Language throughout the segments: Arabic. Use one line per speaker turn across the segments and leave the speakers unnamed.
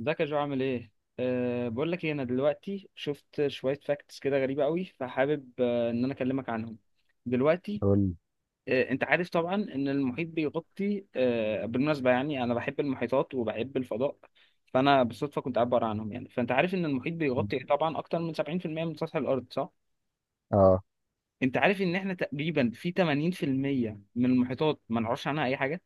ازيك يا جو، عامل ايه؟ بقول لك ايه، انا دلوقتي شفت شويه فاكتس كده غريبه قوي، فحابب انا اكلمك عنهم دلوقتي.
قول
انت عارف طبعا ان المحيط بيغطي، بالمناسبه يعني انا بحب المحيطات وبحب الفضاء، فانا بالصدفه كنت قاعد بقرا عنهم يعني. فانت عارف ان المحيط بيغطي طبعا اكتر من 70% من سطح الارض، صح؟
اه
انت عارف ان احنا تقريبا في 80% من المحيطات ما نعرفش عنها اي حاجه.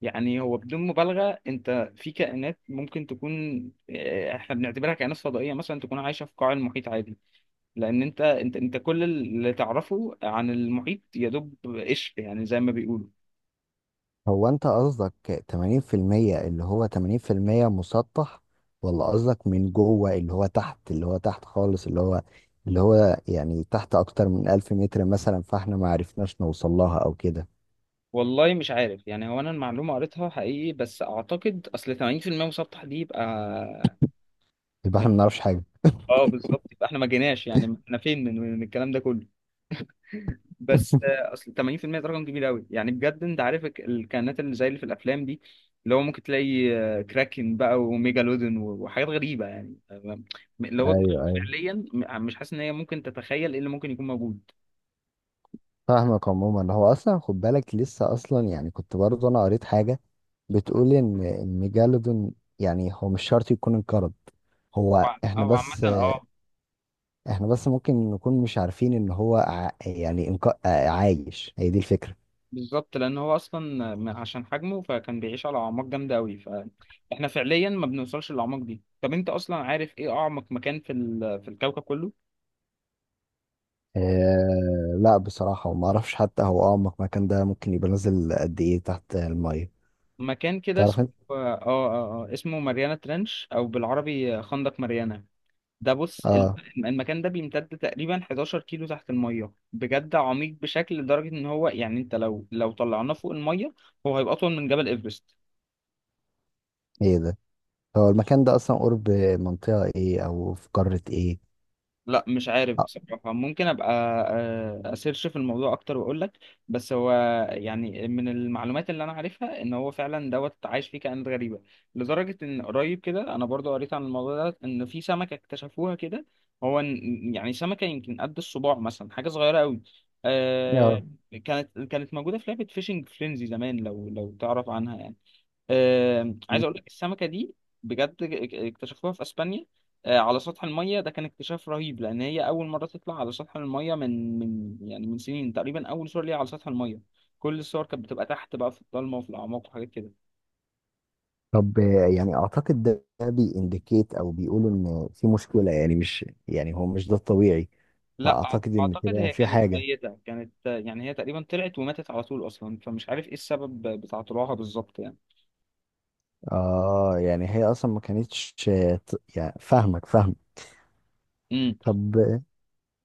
يعني هو بدون مبالغة انت في كائنات ممكن تكون، اه، احنا بنعتبرها كائنات فضائية، مثلا تكون عايشة في قاع المحيط عادي. لان انت كل اللي تعرفه عن المحيط يدوب قشر، يعني زي ما بيقولوا.
هو انت قصدك 80%؟ اللي هو 80% مسطح، ولا قصدك من جوه اللي هو تحت، اللي هو تحت خالص، اللي هو اللي هو يعني تحت اكتر من 1000 متر مثلا، فاحنا ما عرفناش نوصل لها او كده.
والله مش عارف، يعني هو انا المعلومة قريتها حقيقي، بس اعتقد اصل 80% مسطح دي يبقى
يبقى احنا ما
من-
نعرفش حاجه.
اه بالظبط، يبقى احنا ما جيناش، يعني احنا فين من الكلام ده كله. بس اصل 80% ده رقم كبير قوي يعني بجد. انت عارف الكائنات اللي زي اللي في الافلام دي، اللي هو ممكن تلاقي، كراكن بقى وميجالودون وحاجات غريبه يعني. اللي هو دماغك
ايوه ايوه،
فعليا مش حاسس ان هي ممكن تتخيل ايه اللي ممكن يكون موجود.
فاهمك. عموما هو اصلا خد بالك، لسه اصلا يعني كنت برضه انا قريت حاجه بتقول ان الميجالودون، يعني هو مش شرط يكون انقرض. هو
او
احنا
عامه
بس،
اه.
احنا بس ممكن نكون مش عارفين ان هو يعني عايش. هي دي الفكرة.
بالظبط، لان هو اصلا عشان حجمه فكان بيعيش على اعماق جامده قوي، فاحنا فعليا ما بنوصلش للاعماق دي. طب انت اصلا عارف ايه اعمق مكان في الكوكب كله؟
لا بصراحة، وما اعرفش حتى هو اعمق مكان ده ممكن يبقى نازل قد ايه تحت المية.
مكان كده
تعرف
اسمه
انت.
اسمه ماريانا ترنش، او بالعربي خندق ماريانا. ده بص
اه.
المكان ده بيمتد تقريبا 11 كيلو تحت المية، بجد عميق بشكل، لدرجة ان هو يعني انت لو طلعناه فوق المية هو هيبقى اطول من جبل ايفرست.
ايه ده؟ هو المكان ده اصلا قرب منطقة ايه، او في قارة ايه؟
لا مش عارف
اه.
بصراحة، ممكن أبقى أسيرش في الموضوع أكتر وأقول لك. بس هو يعني من المعلومات اللي أنا عارفها إن هو فعلا دوت عايش فيه كائنات غريبة، لدرجة إن قريب كده أنا برضو قريت عن الموضوع ده، إن في سمكة اكتشفوها كده. هو يعني سمكة يمكن قد الصباع مثلا، حاجة صغيرة أوي.
آه.
آه، كانت موجودة في لعبة فيشنج فرينزي زمان، لو تعرف عنها يعني. عايز اقول لك السمكه دي بجد اكتشفوها في اسبانيا، على سطح الميه. ده كان اكتشاف رهيب، لان هي اول مره تطلع على سطح الميه من يعني من سنين تقريبا، اول صور ليها على سطح الميه. كل الصور كانت بتبقى تحت بقى، في الضلمه وفي الاعماق وحاجات كده.
طب، يعني اعتقد ده بيindicate او بيقولوا ان في مشكلة، يعني مش يعني هو مش ده الطبيعي.
لا
فاعتقد ان
اعتقد
كده
هي
في
كانت
حاجة.
ميته، كانت آه، يعني هي تقريبا طلعت وماتت على طول اصلا، فمش عارف ايه السبب بتاع طلوعها بالظبط يعني.
اه يعني هي اصلا ما كانتش يعني فاهمك فاهمك.
امم
طب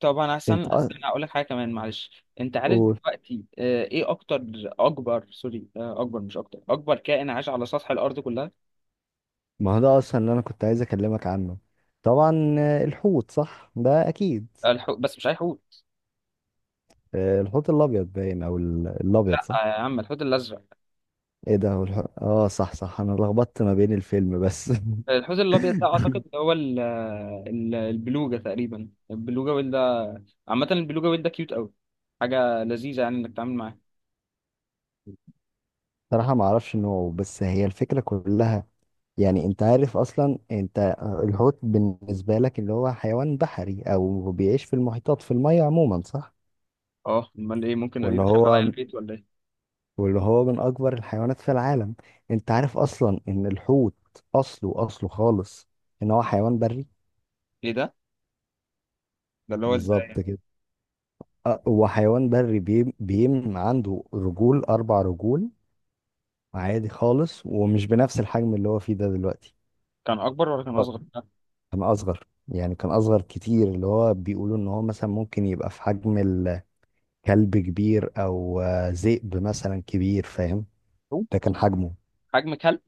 طبعا احسن.
انت
استنى اقول لك حاجه كمان، معلش. انت عارف
قول.
دلوقتي ايه اكتر اكبر سوري، اكبر مش اكتر، اكبر كائن عاش على سطح الارض كلها؟
ما هو ده اصلا اللي انا كنت عايز اكلمك عنه. طبعا الحوت صح ده اكيد.
الحوت، بس مش اي حوت.
الحوت الابيض باين، او
لا
الابيض صح.
يا عم، الحوت الازرق.
ايه ده؟ هو اه صح صح، انا لخبطت ما بين الفيلم بس.
الحوت الابيض ده اعتقد هو البلوجه تقريبا، البلوجه ويل ده. عامه البلوجه ويل ده كيوت قوي، حاجه لذيذه يعني انك تتعامل معاه.
صراحة ما اعرفش نوعه، بس هي الفكرة كلها. يعني انت عارف اصلا انت، الحوت بالنسبة لك اللي هو حيوان بحري او بيعيش في المحيطات في المية عموما صح؟
اه امال ايه، ممكن
وان
يدخل عليا
هو،
البيت ولا ايه؟
واللي هو من اكبر الحيوانات في العالم. انت عارف اصلا ان الحوت اصله خالص، ان هو حيوان بري.
ايه ده، ده اللي هو ازاي
بالظبط
يعني؟
كده. هو حيوان بري بيم عنده رجول، اربع رجول، عادي خالص. ومش بنفس الحجم اللي هو فيه ده دلوقتي.
كان اكبر ولا كان
أه،
اصغر؟
كان اصغر، يعني كان اصغر كتير. اللي هو بيقولوا ان هو مثلا ممكن يبقى في حجم الكلب كبير، او ذئب مثلا كبير فاهم. ده كان حجمه.
حجم كلب؟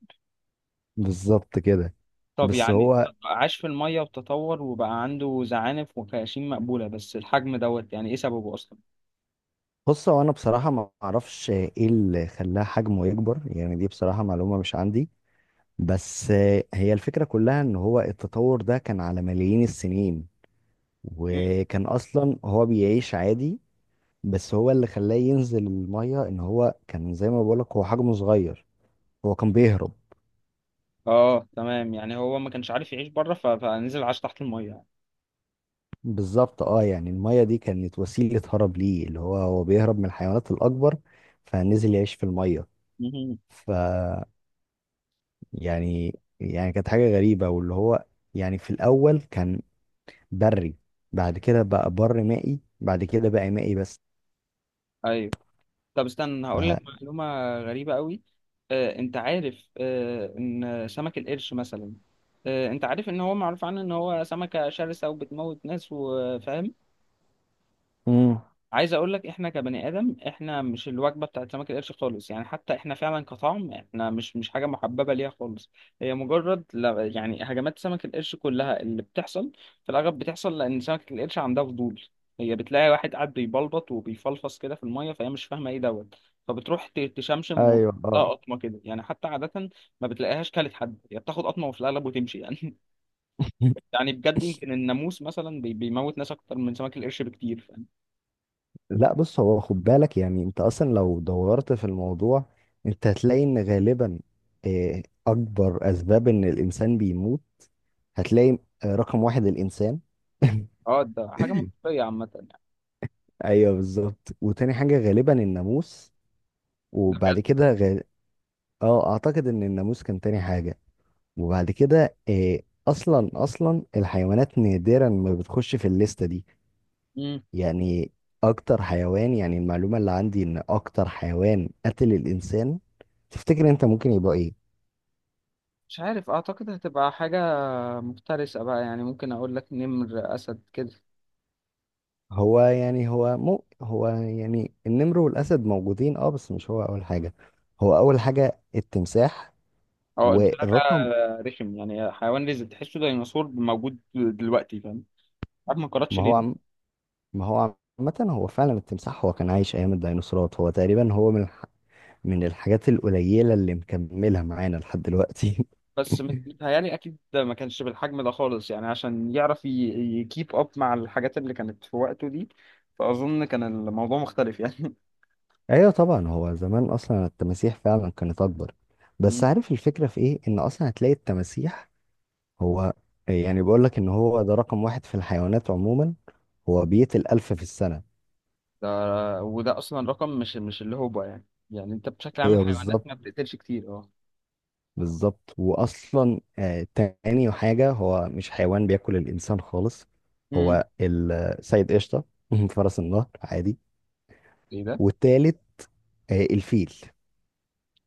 بالظبط كده.
طب
بس
يعني
هو
عاش في المية وتطور وبقى عنده زعانف وخياشيم مقبولة، بس الحجم دوت يعني ايه سببه اصلا؟
بص، هو انا بصراحه ما اعرفش ايه اللي خلاها حجمه يكبر. يعني دي بصراحه معلومه مش عندي. بس هي الفكره كلها ان هو التطور ده كان على ملايين السنين. وكان اصلا هو بيعيش عادي. بس هو اللي خلاه ينزل الميه، ان هو كان زي ما بقولك هو حجمه صغير، هو كان
مم.
بيهرب.
اه تمام، يعني هو ما كانش عارف يعيش بره فنزل عاش تحت المية يعني.
بالظبط اه. يعني الميه دي كانت وسيله هرب ليه، اللي هو هو بيهرب من الحيوانات الاكبر، فنزل يعيش في الميه.
مهم.
ف، يعني يعني كانت حاجة غريبة واللي هو يعني في الأول كان بري، بعد كده بقى بر مائي، بعد كده بقى مائي بس.
ايوه. طب استنى هقول
ف...
لك معلومة غريبة قوي. انت عارف ان سمك القرش مثلا، انت عارف ان هو معروف عنه ان هو سمكة شرسة وبتموت ناس وفاهم.
امم.
عايز اقول لك احنا كبني ادم احنا مش الوجبه بتاعت سمك القرش خالص، يعني حتى احنا فعلا كطعم احنا مش حاجه محببه ليها خالص. هي مجرد لا، يعني هجمات سمك القرش كلها اللي بتحصل، في الاغلب بتحصل لان سمكه القرش عندها فضول. هي بتلاقي واحد قاعد بيبلبط وبيفلفص كده في الميه، فهي مش فاهمه ايه دوت، فبتروح تشمشم وتلاقي
ايوه اه.
قطمه كده يعني. حتى عاده ما بتلاقيهاش كلت حد، هي بتاخد قطمه وفي الاغلب وتمشي يعني. يعني بجد يمكن الناموس مثلا بيموت ناس اكتر من سمك القرش بكتير.
لا بص، هو خد بالك يعني. انت اصلا لو دورت في الموضوع انت هتلاقي ان غالبا اكبر اسباب ان الانسان بيموت، هتلاقي رقم واحد الانسان.
اه ده حاجة منطقية عامة يعني.
ايوه بالظبط. وتاني حاجة غالبا الناموس. وبعد كده اه اعتقد ان الناموس كان تاني حاجة. وبعد كده اصلا الحيوانات نادرا ما بتخش في الليسته دي.
مم.
يعني اكتر حيوان، يعني المعلومه اللي عندي ان اكتر حيوان قتل الانسان تفتكر انت ممكن يبقى ايه؟
مش عارف، أعتقد هتبقى حاجة مفترسة بقى، يعني ممكن أقول لك نمر، أسد كده.
هو يعني النمر والاسد موجودين اه، بس مش هو اول حاجه. هو اول حاجه التمساح.
أو ده بقى
والرقم
رخم، يعني حيوان رزق تحسه ديناصور موجود دلوقتي، فاهم؟ عارف ما قراتش
ما
ليه
هو
ده.
عم ما هو عامه هو فعلا التمساح، هو كان عايش ايام الديناصورات. هو تقريبا هو من الحاجات القليلة اللي مكملة معانا لحد دلوقتي.
بس متهيألي أكيد ده ما كانش بالحجم ده خالص، يعني عشان يعرف يكيب أب مع الحاجات اللي كانت في وقته دي. فأظن كان الموضوع مختلف يعني.
ايوه طبعا. هو زمان اصلا التماسيح فعلا كانت اكبر. بس
مم.
عارف الفكرة في ايه؟ ان اصلا هتلاقي التماسيح هو يعني، بيقول لك ان هو ده رقم واحد في الحيوانات عموما، هو بيقتل 1000 في السنة.
ده وده أصلا رقم مش اللي هو بقى يعني. يعني أنت بشكل عام
ايوه
الحيوانات
بالظبط.
ما بتقتلش كتير.
بالظبط واصلا آه، تاني حاجة هو مش حيوان بياكل الانسان خالص.
أه.
هو السيد قشطة. فرس النهر عادي.
ايه ده؟
والتالت آه الفيل.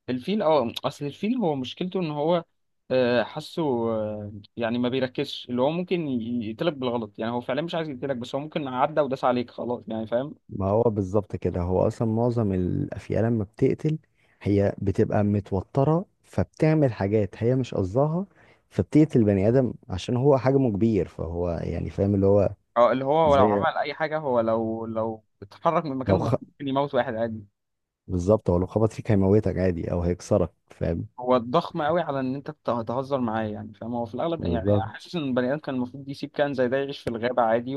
الفيل. اه، اصل الفيل هو مشكلته ان هو، حاسه، يعني ما بيركزش، اللي هو ممكن يقتلك بالغلط، يعني هو فعلا مش عايز يقتلك، بس هو ممكن عدى وداس عليك خلاص يعني، فاهم؟
ما هو بالظبط كده، هو اصلا معظم الافيال لما بتقتل هي بتبقى متوتره، فبتعمل حاجات هي مش قصدها، فبتقتل بني ادم عشان هو حجمه كبير، فهو يعني فاهم اللي هو.
اه اللي هو لو
زي
عمل اي حاجه، هو لو اتحرك من
لو
مكانه
خ...
ممكن يموت واحد عادي.
بالظبط هو لو خبط فيك هيموتك عادي، او هيكسرك فاهم.
هو ضخم قوي على ان انت تهزر معاه يعني، فاهم؟ هو في الاغلب
بالظبط.
يعني حاسس ان البني ادم كان المفروض يسيب كائن زي ده يعيش في الغابه عادي،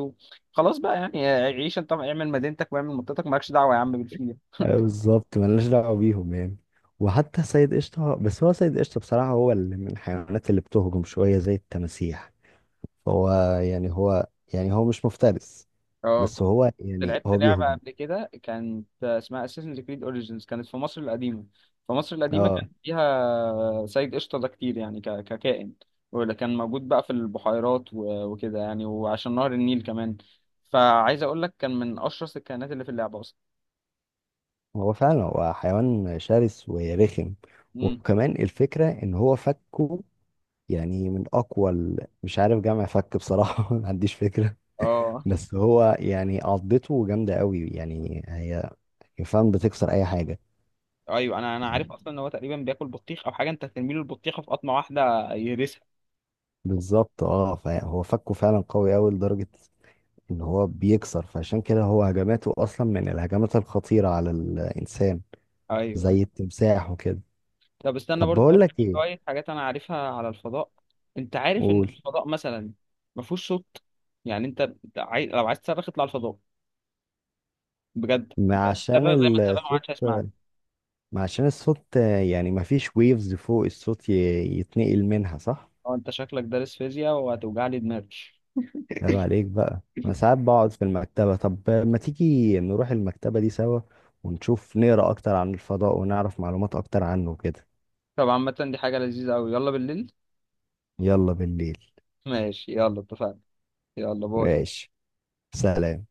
وخلاص بقى يعني. عيش انت، اعمل مدينتك واعمل منطقتك، مالكش دعوه يا عم بالفيل.
أيوة بالظبط، ملناش دعوه بيهم يعني. وحتى سيد قشطه، بس هو سيد قشطه بصراحه هو اللي من الحيوانات اللي بتهجم شويه زي التماسيح. هو يعني هو مش مفترس.
اه
بس هو يعني
لعبت
هو
لعبة
بيهجم.
قبل كده كانت اسمها Assassin's Creed Origins، كانت في مصر القديمة. في مصر القديمة
اه
كان فيها سيد قشطة ده كتير يعني ككائن، ولا كان موجود بقى في البحيرات وكده يعني، وعشان نهر النيل كمان. فعايز اقول لك كان من اشرس الكائنات اللي في اللعبة اصلا.
هو فعلا هو حيوان شرس ورخم.
امم
وكمان الفكرة ان هو فكه، يعني من اقوى مش عارف جمع فك بصراحة. ما عنديش فكرة.
اه.
بس هو يعني عضته جامدة قوي، يعني هي فعلا بتكسر اي حاجة.
ايوه، انا عارف اصلا ان هو تقريبا بياكل بطيخ او حاجة، انت هترمي له البطيخة في قطمة واحدة يهرسها.
بالظبط اه. فهو فكه فعلا قوي قوي لدرجة ان هو بيكسر. فعشان كده هو هجماته اصلا من الهجمات الخطيرة على الانسان،
ايوه.
زي التمساح وكده.
طب استنى
طب
برضه
بقول
اقول
لك
لك
ايه.
شويه حاجات انا عارفها على الفضاء. انت عارف ان
قول.
الفضاء مثلا ما فيهوش صوت، يعني انت أنت لو عايز تصرخ اطلع الفضاء، بجد
ما عشان
تصرخ زي ما تصرخ ما
الصوت
حدش هيسمعني.
ما عشان الصوت يعني ما فيش ويفز فوق الصوت يتنقل منها صح.
اه انت شكلك دارس فيزياء وهتوجع لي دماغي.
عيب عليك بقى. انا ساعات بقعد في المكتبة، طب ما تيجي نروح المكتبة دي سوا ونشوف نقرا اكتر عن الفضاء ونعرف معلومات اكتر عنه كده.
طب عامه دي حاجه لذيذه قوي، يلا بالليل.
يلا بالليل.
ماشي يلا اتفقنا. يلا باي.
ماشي. سلام.